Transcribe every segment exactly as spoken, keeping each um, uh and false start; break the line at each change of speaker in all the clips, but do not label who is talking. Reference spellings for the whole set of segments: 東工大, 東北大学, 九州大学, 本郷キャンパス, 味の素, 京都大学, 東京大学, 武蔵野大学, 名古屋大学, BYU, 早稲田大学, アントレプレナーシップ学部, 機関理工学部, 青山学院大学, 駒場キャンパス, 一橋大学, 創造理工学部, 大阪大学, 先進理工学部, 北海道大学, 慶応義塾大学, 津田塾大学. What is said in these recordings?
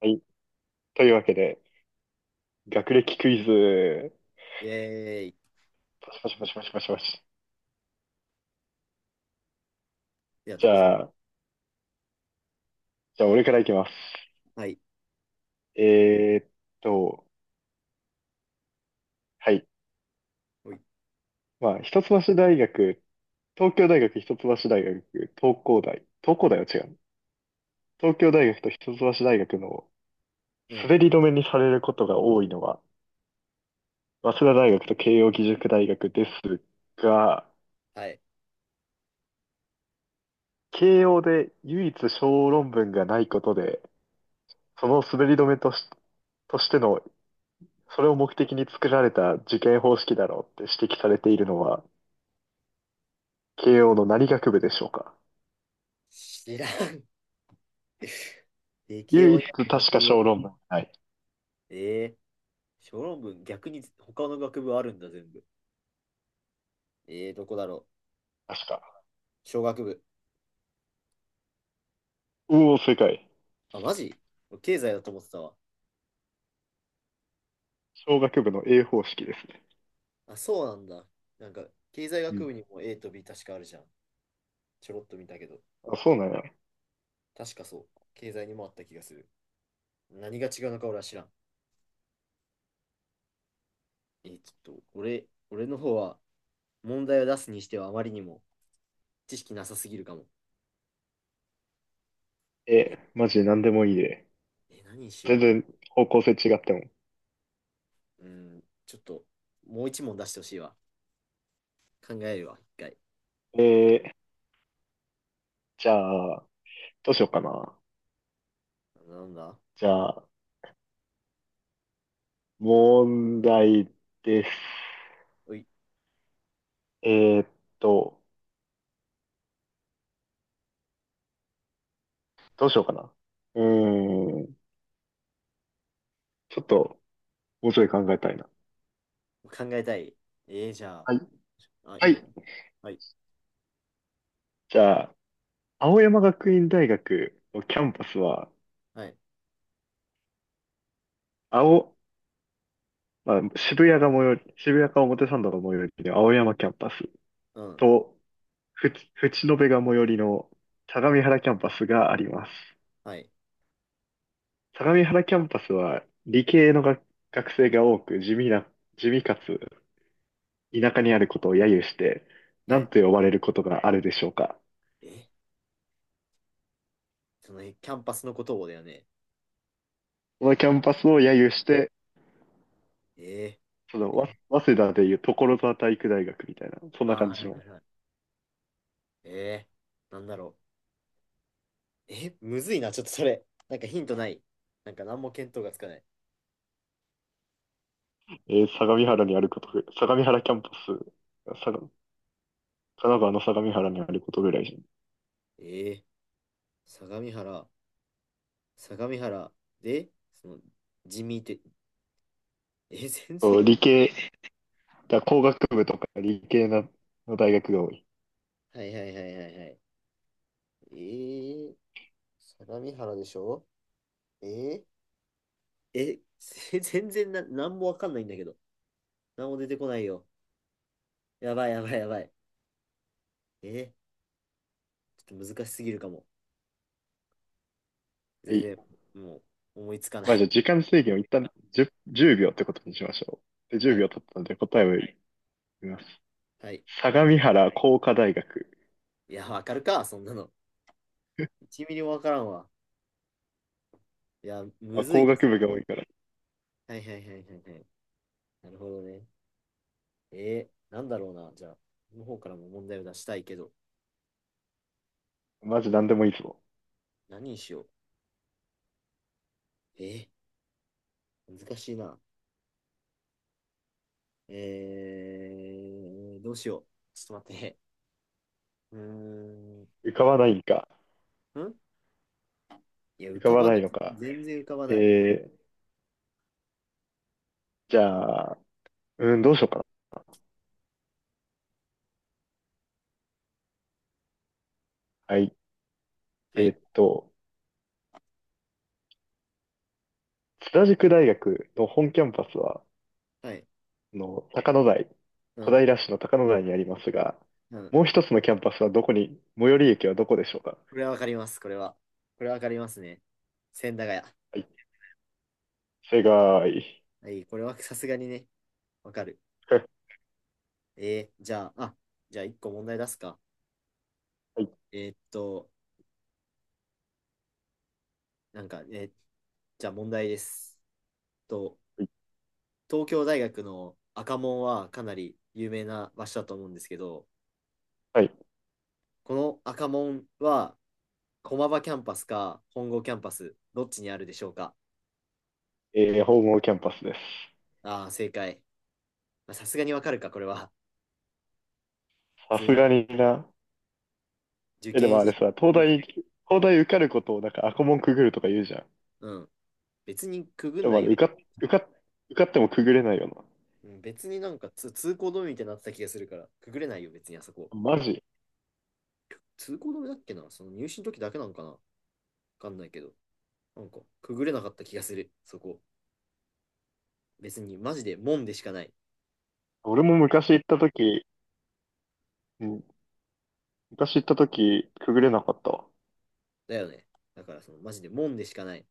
はい。というわけで、学歴クイズ、
えーい。
パシパシパシパシパシパシ。
いや、
じ
どうぞ。
ゃあ、じゃあ俺からいきます。
はい。
えーっと、はい。
おい。
まあ、一橋大学、東京大学、一橋大学、東工大。東工大は違う。東京大学と一橋大学の
うん。
滑り止めにされることが多いのは、早稲田大学と慶応義塾大学ですが、
はい。
慶応で唯一小論文がないことで、その滑り止めとし、としてのそれを目的に作られた受験方式だろうって指摘されているのは、慶応の何学部でしょうか。
知らん。理系
唯
を
一
や
確
る学
か
部
小
を。
論文。はい。
えー、小論文、逆に他の学部あるんだ、全部。えー、どこだろ
確か。
う。小学部。
おお、正解。
あ、マジ経済だと思ってたわ。
小学部の A 方式ですね。
あ、そうなんだ。なんか、経済
う
学部
ん。
にも A と ビー 確かあるじゃん。ちょろっと見たけど。
あ、そうなんや。
確かそう。経済にもあった気がする。何が違うのか俺は知らん。えー、ちょっと、俺、俺の方は、問題を出すにしてはあまりにも知識なさすぎるかも。えー、
え、マジ何でもいいで。
えー何にしよう
全
かな。
然方向性違っても。
うん、ちょっと、もう一問出してほしいわ。考えるわ、一回。
えー、じゃあ、どうしようかな。
なんだ
じゃあ、問題です。
おい、
えーっと、どうしようかな。うーん、ちょっと、もうちょい考えたいな。
考えたい。えー、じゃ
はい。
あ、あ、い
は
いよ。
い。
はい、
じゃあ、青山学院大学のキャンパスは、
はい、
青、まあ、渋谷が最寄り、渋谷か表参道が最寄りの青山キャンパス
うん、
と、ふち、淵野辺が最寄りの相模原キャンパスがあります。
はい、
相模原キャンパスは理系のが学生が多く地味な、地味かつ田舎にあることを揶揄して、
は
何
い。
と呼ばれることがあるでしょうか。
え、その、えキャンパスのことをだよね？
このキャンパスを揶揄して、
え
その、
ー、え
わ早稲田でいう所沢体育大学みたいな、そんな感
あー、は
じ
い
の、
はいはい。えー、なんだろう。え、むずいな、ちょっとそれ。なんかヒントない？なんか何も見当がつかない。
えー相模原にあることぐらい、相模原キャンパス、さが神奈川の相模原にあることぐらいじゃん。
えー、相模原、相模原で、その、地味って、え、全
そう
然わ、
理系、だから工学部とか理系の、の大学が多い。
はいはいはいはいはい。えー相模原でしょ？えー、え、全然な、なんもわかんないんだけど。なんも出てこないよ。やばいやばいやばい。えー、ちょっと難しすぎるかも。
は
全
い。
然、もう、思いつかな
まあじ
い。
ゃあ時間制限を一旦じゅう、秒ってことにしましょう。で、10
はい。
秒経ったので答えを言います。
はい。
相模原工科大学。
いや、わかるか、そんなの。いちミリミリもわからんわ。いや、む
まあ、
ずい
工
な。
学部が多いから。
はいはいはいはいはい。なるほどね。えー、なんだろうな。じゃあ、この方からも問題を出したいけど、
マジ何でもいいぞ。
何にしよう。えー、難しいな。えー、どうしよう。ちょっと待って。うーん。
浮かばないんか。
んいや、
浮
浮
か
か
ば
ば
な
ない。
いのか。
全然浮かば
え
ない。
ー、じゃあ、うん、どうしようかな。はい。
は
えー
い。
っと、津田塾大学の本キャンパスは、
はい。
あの、高野台、
う
小
ん。
平市の高野台にありますが、
うん。
もう一つのキャンパスはどこに、最寄り駅はどこでしょうか。
これはわかります。これは。これはわかりますね。千駄ヶ谷。
はい、正解。
はい。これはさすがにね、わかる。えー、じゃあ、あ、じゃあ一個問題出すか。
はい、はい、
えーっと、なんかね、えーじゃあ問題です。と、東京大学の赤門はかなり有名な場所だと思うんですけど、
はい。
この赤門は駒場キャンパスか本郷キャンパス、どっちにあるでしょうか？
えー、本郷キャンパスです。
ああー、正解。まあさすがにわかるか、これは。普
さ
通
す
に
がにな。
受
え、でも
験
あれ
し
さ、東
時、
大、東大受かることをなんか赤門くぐるとか言うじゃん。
うん。別にくぐん
で
な
もあ
い
れ、
よね。
受か、受か、受かってもくぐれないよな。
うん、別になんかつ通行止めみたいになってた気がするから、くぐれないよ、別にあそこ。
マジ
通行止めだっけな、その入試の時だけなのかな、わかんないけど。なんか、くぐれなかった気がする、そこ。別に、マジで門でしかない。
俺も昔行った時、うん、昔行った時、くぐれなかったわ。
だよね。だから、その、マジで門でしかない。う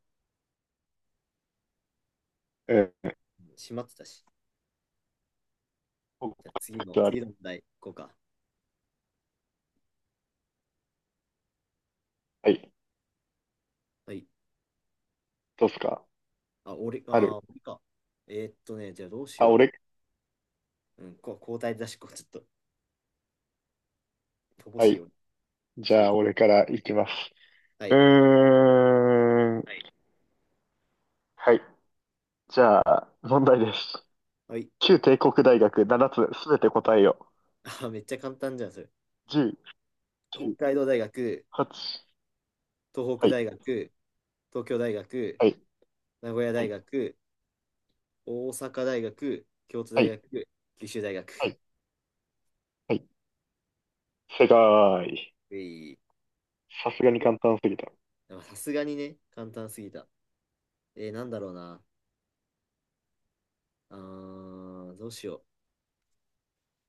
えー、
ん、閉まってたし。
僕
じゃあ次の、次の問題、こうか。
はい。
はい。
どうっすか
あ、俺、
あ
あ
る。
ー、俺か。えーっとね、じゃあどうし
あ、
よ
俺、
う。うん、こ交代だし、こうちょっと、乏
は
しい
い。
よ。
じ
そう
ゃ
いう
あ、俺からいきます。
は
う
い。
ーん。はい。じゃあ、問題です。
はい。
旧帝国大学ななつすべて答えよ。
あ、めっちゃ簡単じゃん、それ。
じゅう、
北
きゅう、
海道大学、
はち。
東北
はい。
大学、東京大学、
はい。
名古屋
は
大
い。
学、大阪大学、京都大
はい。
学、九州大学。
はい。はい。正解。
うい。
さすがに簡単すぎた。
でもさすがにね、簡単すぎた。えー、なんだろうな。あー、どうしよう。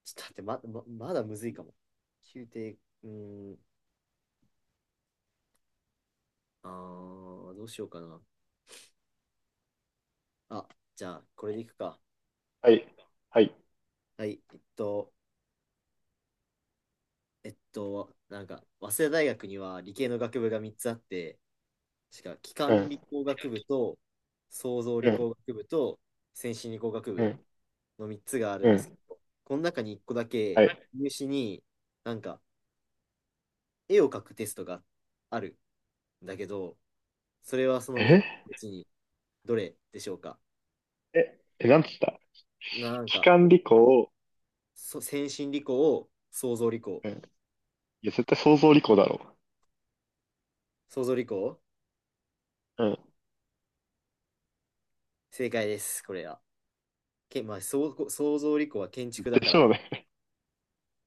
ちょっと待って、ま、ま、まだむずいかも。宮廷、うーん、あー、どうしようかな。あ、じゃあ、これでいくか。
はい。はい。
はい、えっと、えっと、なんか、早稲田大学には理系の学部がみっつあって、しか、機
う
関
ん。
理工学部と創造
う
理
ん。
工学部と先進理工学
う
部
ん。
のみっつがある
う
んですけ
ん。
ど、この中にいっこだ
は
け
い。
入試になんか絵を描くテストがあるんだけど、それはそのみっつ
え
のうちにどれでしょうか？
え、え、なんつった
なん
機
か、
関理工。
そ先進理工、創造理工、
うん。いや、絶対想像理工だろ
創造理工、
う。うん。
正解です、これは。け、まあ、そう創造理工は建築だ
で
か
し
ら、
ょうね。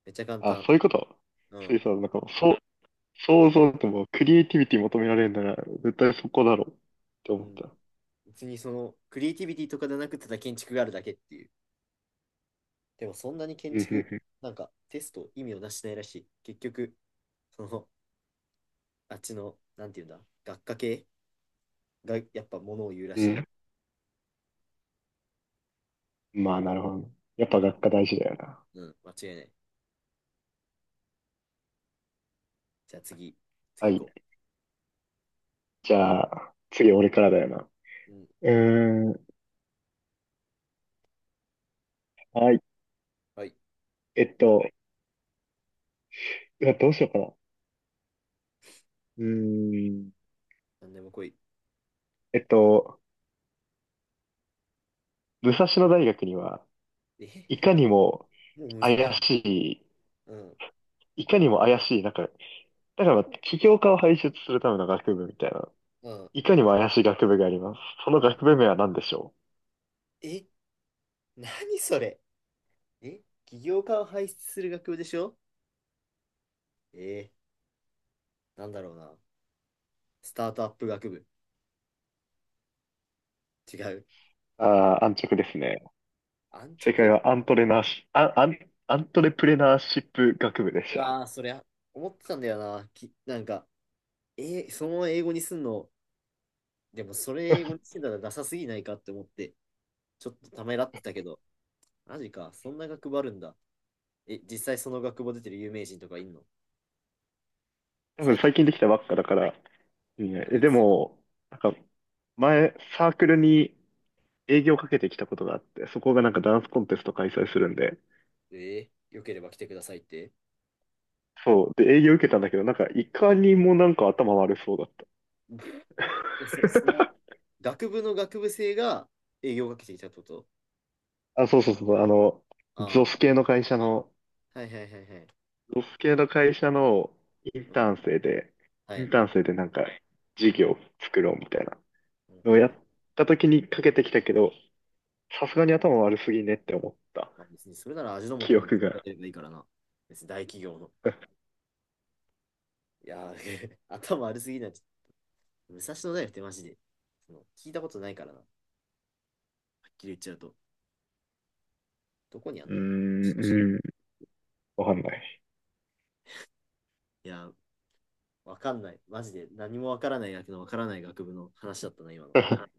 めっちゃ簡
あ、
単。
そういうこと
う
そ
ん。
ういうさ、なんかもう、そう、想像ってもうクリエイティビティ求められるなら、絶対そこだろうって
う
思っ
ん
た。
別にそのクリエイティビティとかじゃなくてただ建築があるだけっていう。でもそんなに建
うん、う
築、
ん、
なんかテスト意味をなしてないらしい。結局、そのあっちの、なんていうんだ、学科系がやっぱものを言うら
う
し
ん。
い。
うんまあ、なるほどね。やっぱ
うん、
学科大事だよな。
うん、間違いない。じゃあ次、
は
次行
い。
こ
じゃあ、次俺からだよな。
う。うん、
うーん。はい。
はい。
えっと、うわどうしようかな。うーん。
なんでも来い。
えっと、武蔵野大学には、い
え、
かにも
もうむずい
怪
んだけど。
し
うん、
い、いかにも怪しい、なんか、だからまあ起業家を輩出するための学部みたいな
うん、
いかにも怪しい学部があります。その
うん。
学部名は何でしょ
え、何それ？え、起業家を輩出する学部でしょ？えー、なんだろうな。スタートアップ学部。違う。
う。ああー、安直ですね。
安
正解
直。
はアントレナーシ、あ、アン、アントレプレナーシップ学部でし
う
た。
わー、そりゃ、思ってたんだよな。き、なんか、えーそのまま英語にすんの、でもそれ英語にしてたらダサすぎないかって思って、ちょっとためらってたけど、マジか、そんな学部あるんだ。え、実際その学部出てる有名人とかいんの？
多
最
分
近、
最近できたばっかだから。いいねえ、
い
で
つ、
も、なんか前サークルに営業かけてきたことがあって、そこがなんかダンスコンテスト開催するんで、
えー、よければ来てくださいって。
そう。で、営業受けたんだけど、なんかいかにもなんか頭悪そうだった。
え、そ、その、学部の学部生が営業をかけてきたってこと？
あ、そうそうそう、あの、ゾ
あ
ス系の会社の
あ、はいはいはいはい。
ロス系の会社のイン
うん、
ターン生で、
は
イン
い。
ターン生でなんか事業を作ろうみたいな
なる
のを
ほど
やっ
ね。
た時にかけてきたけど、さすがに頭悪すぎねって思った
まあ、別にそれなら味の素
記
の
憶
作
が。
りればいいからな。別に大企業の。いやー、頭悪すぎない？武蔵野大学ってマジで、その聞いたことないからな。はっきり言っちゃうと。どこにあん
うー
の？
ん、
少し。
うーん、わかんない。
いやー、わかんない。マジで何もわからない学のわからない学部の話だったな、今の。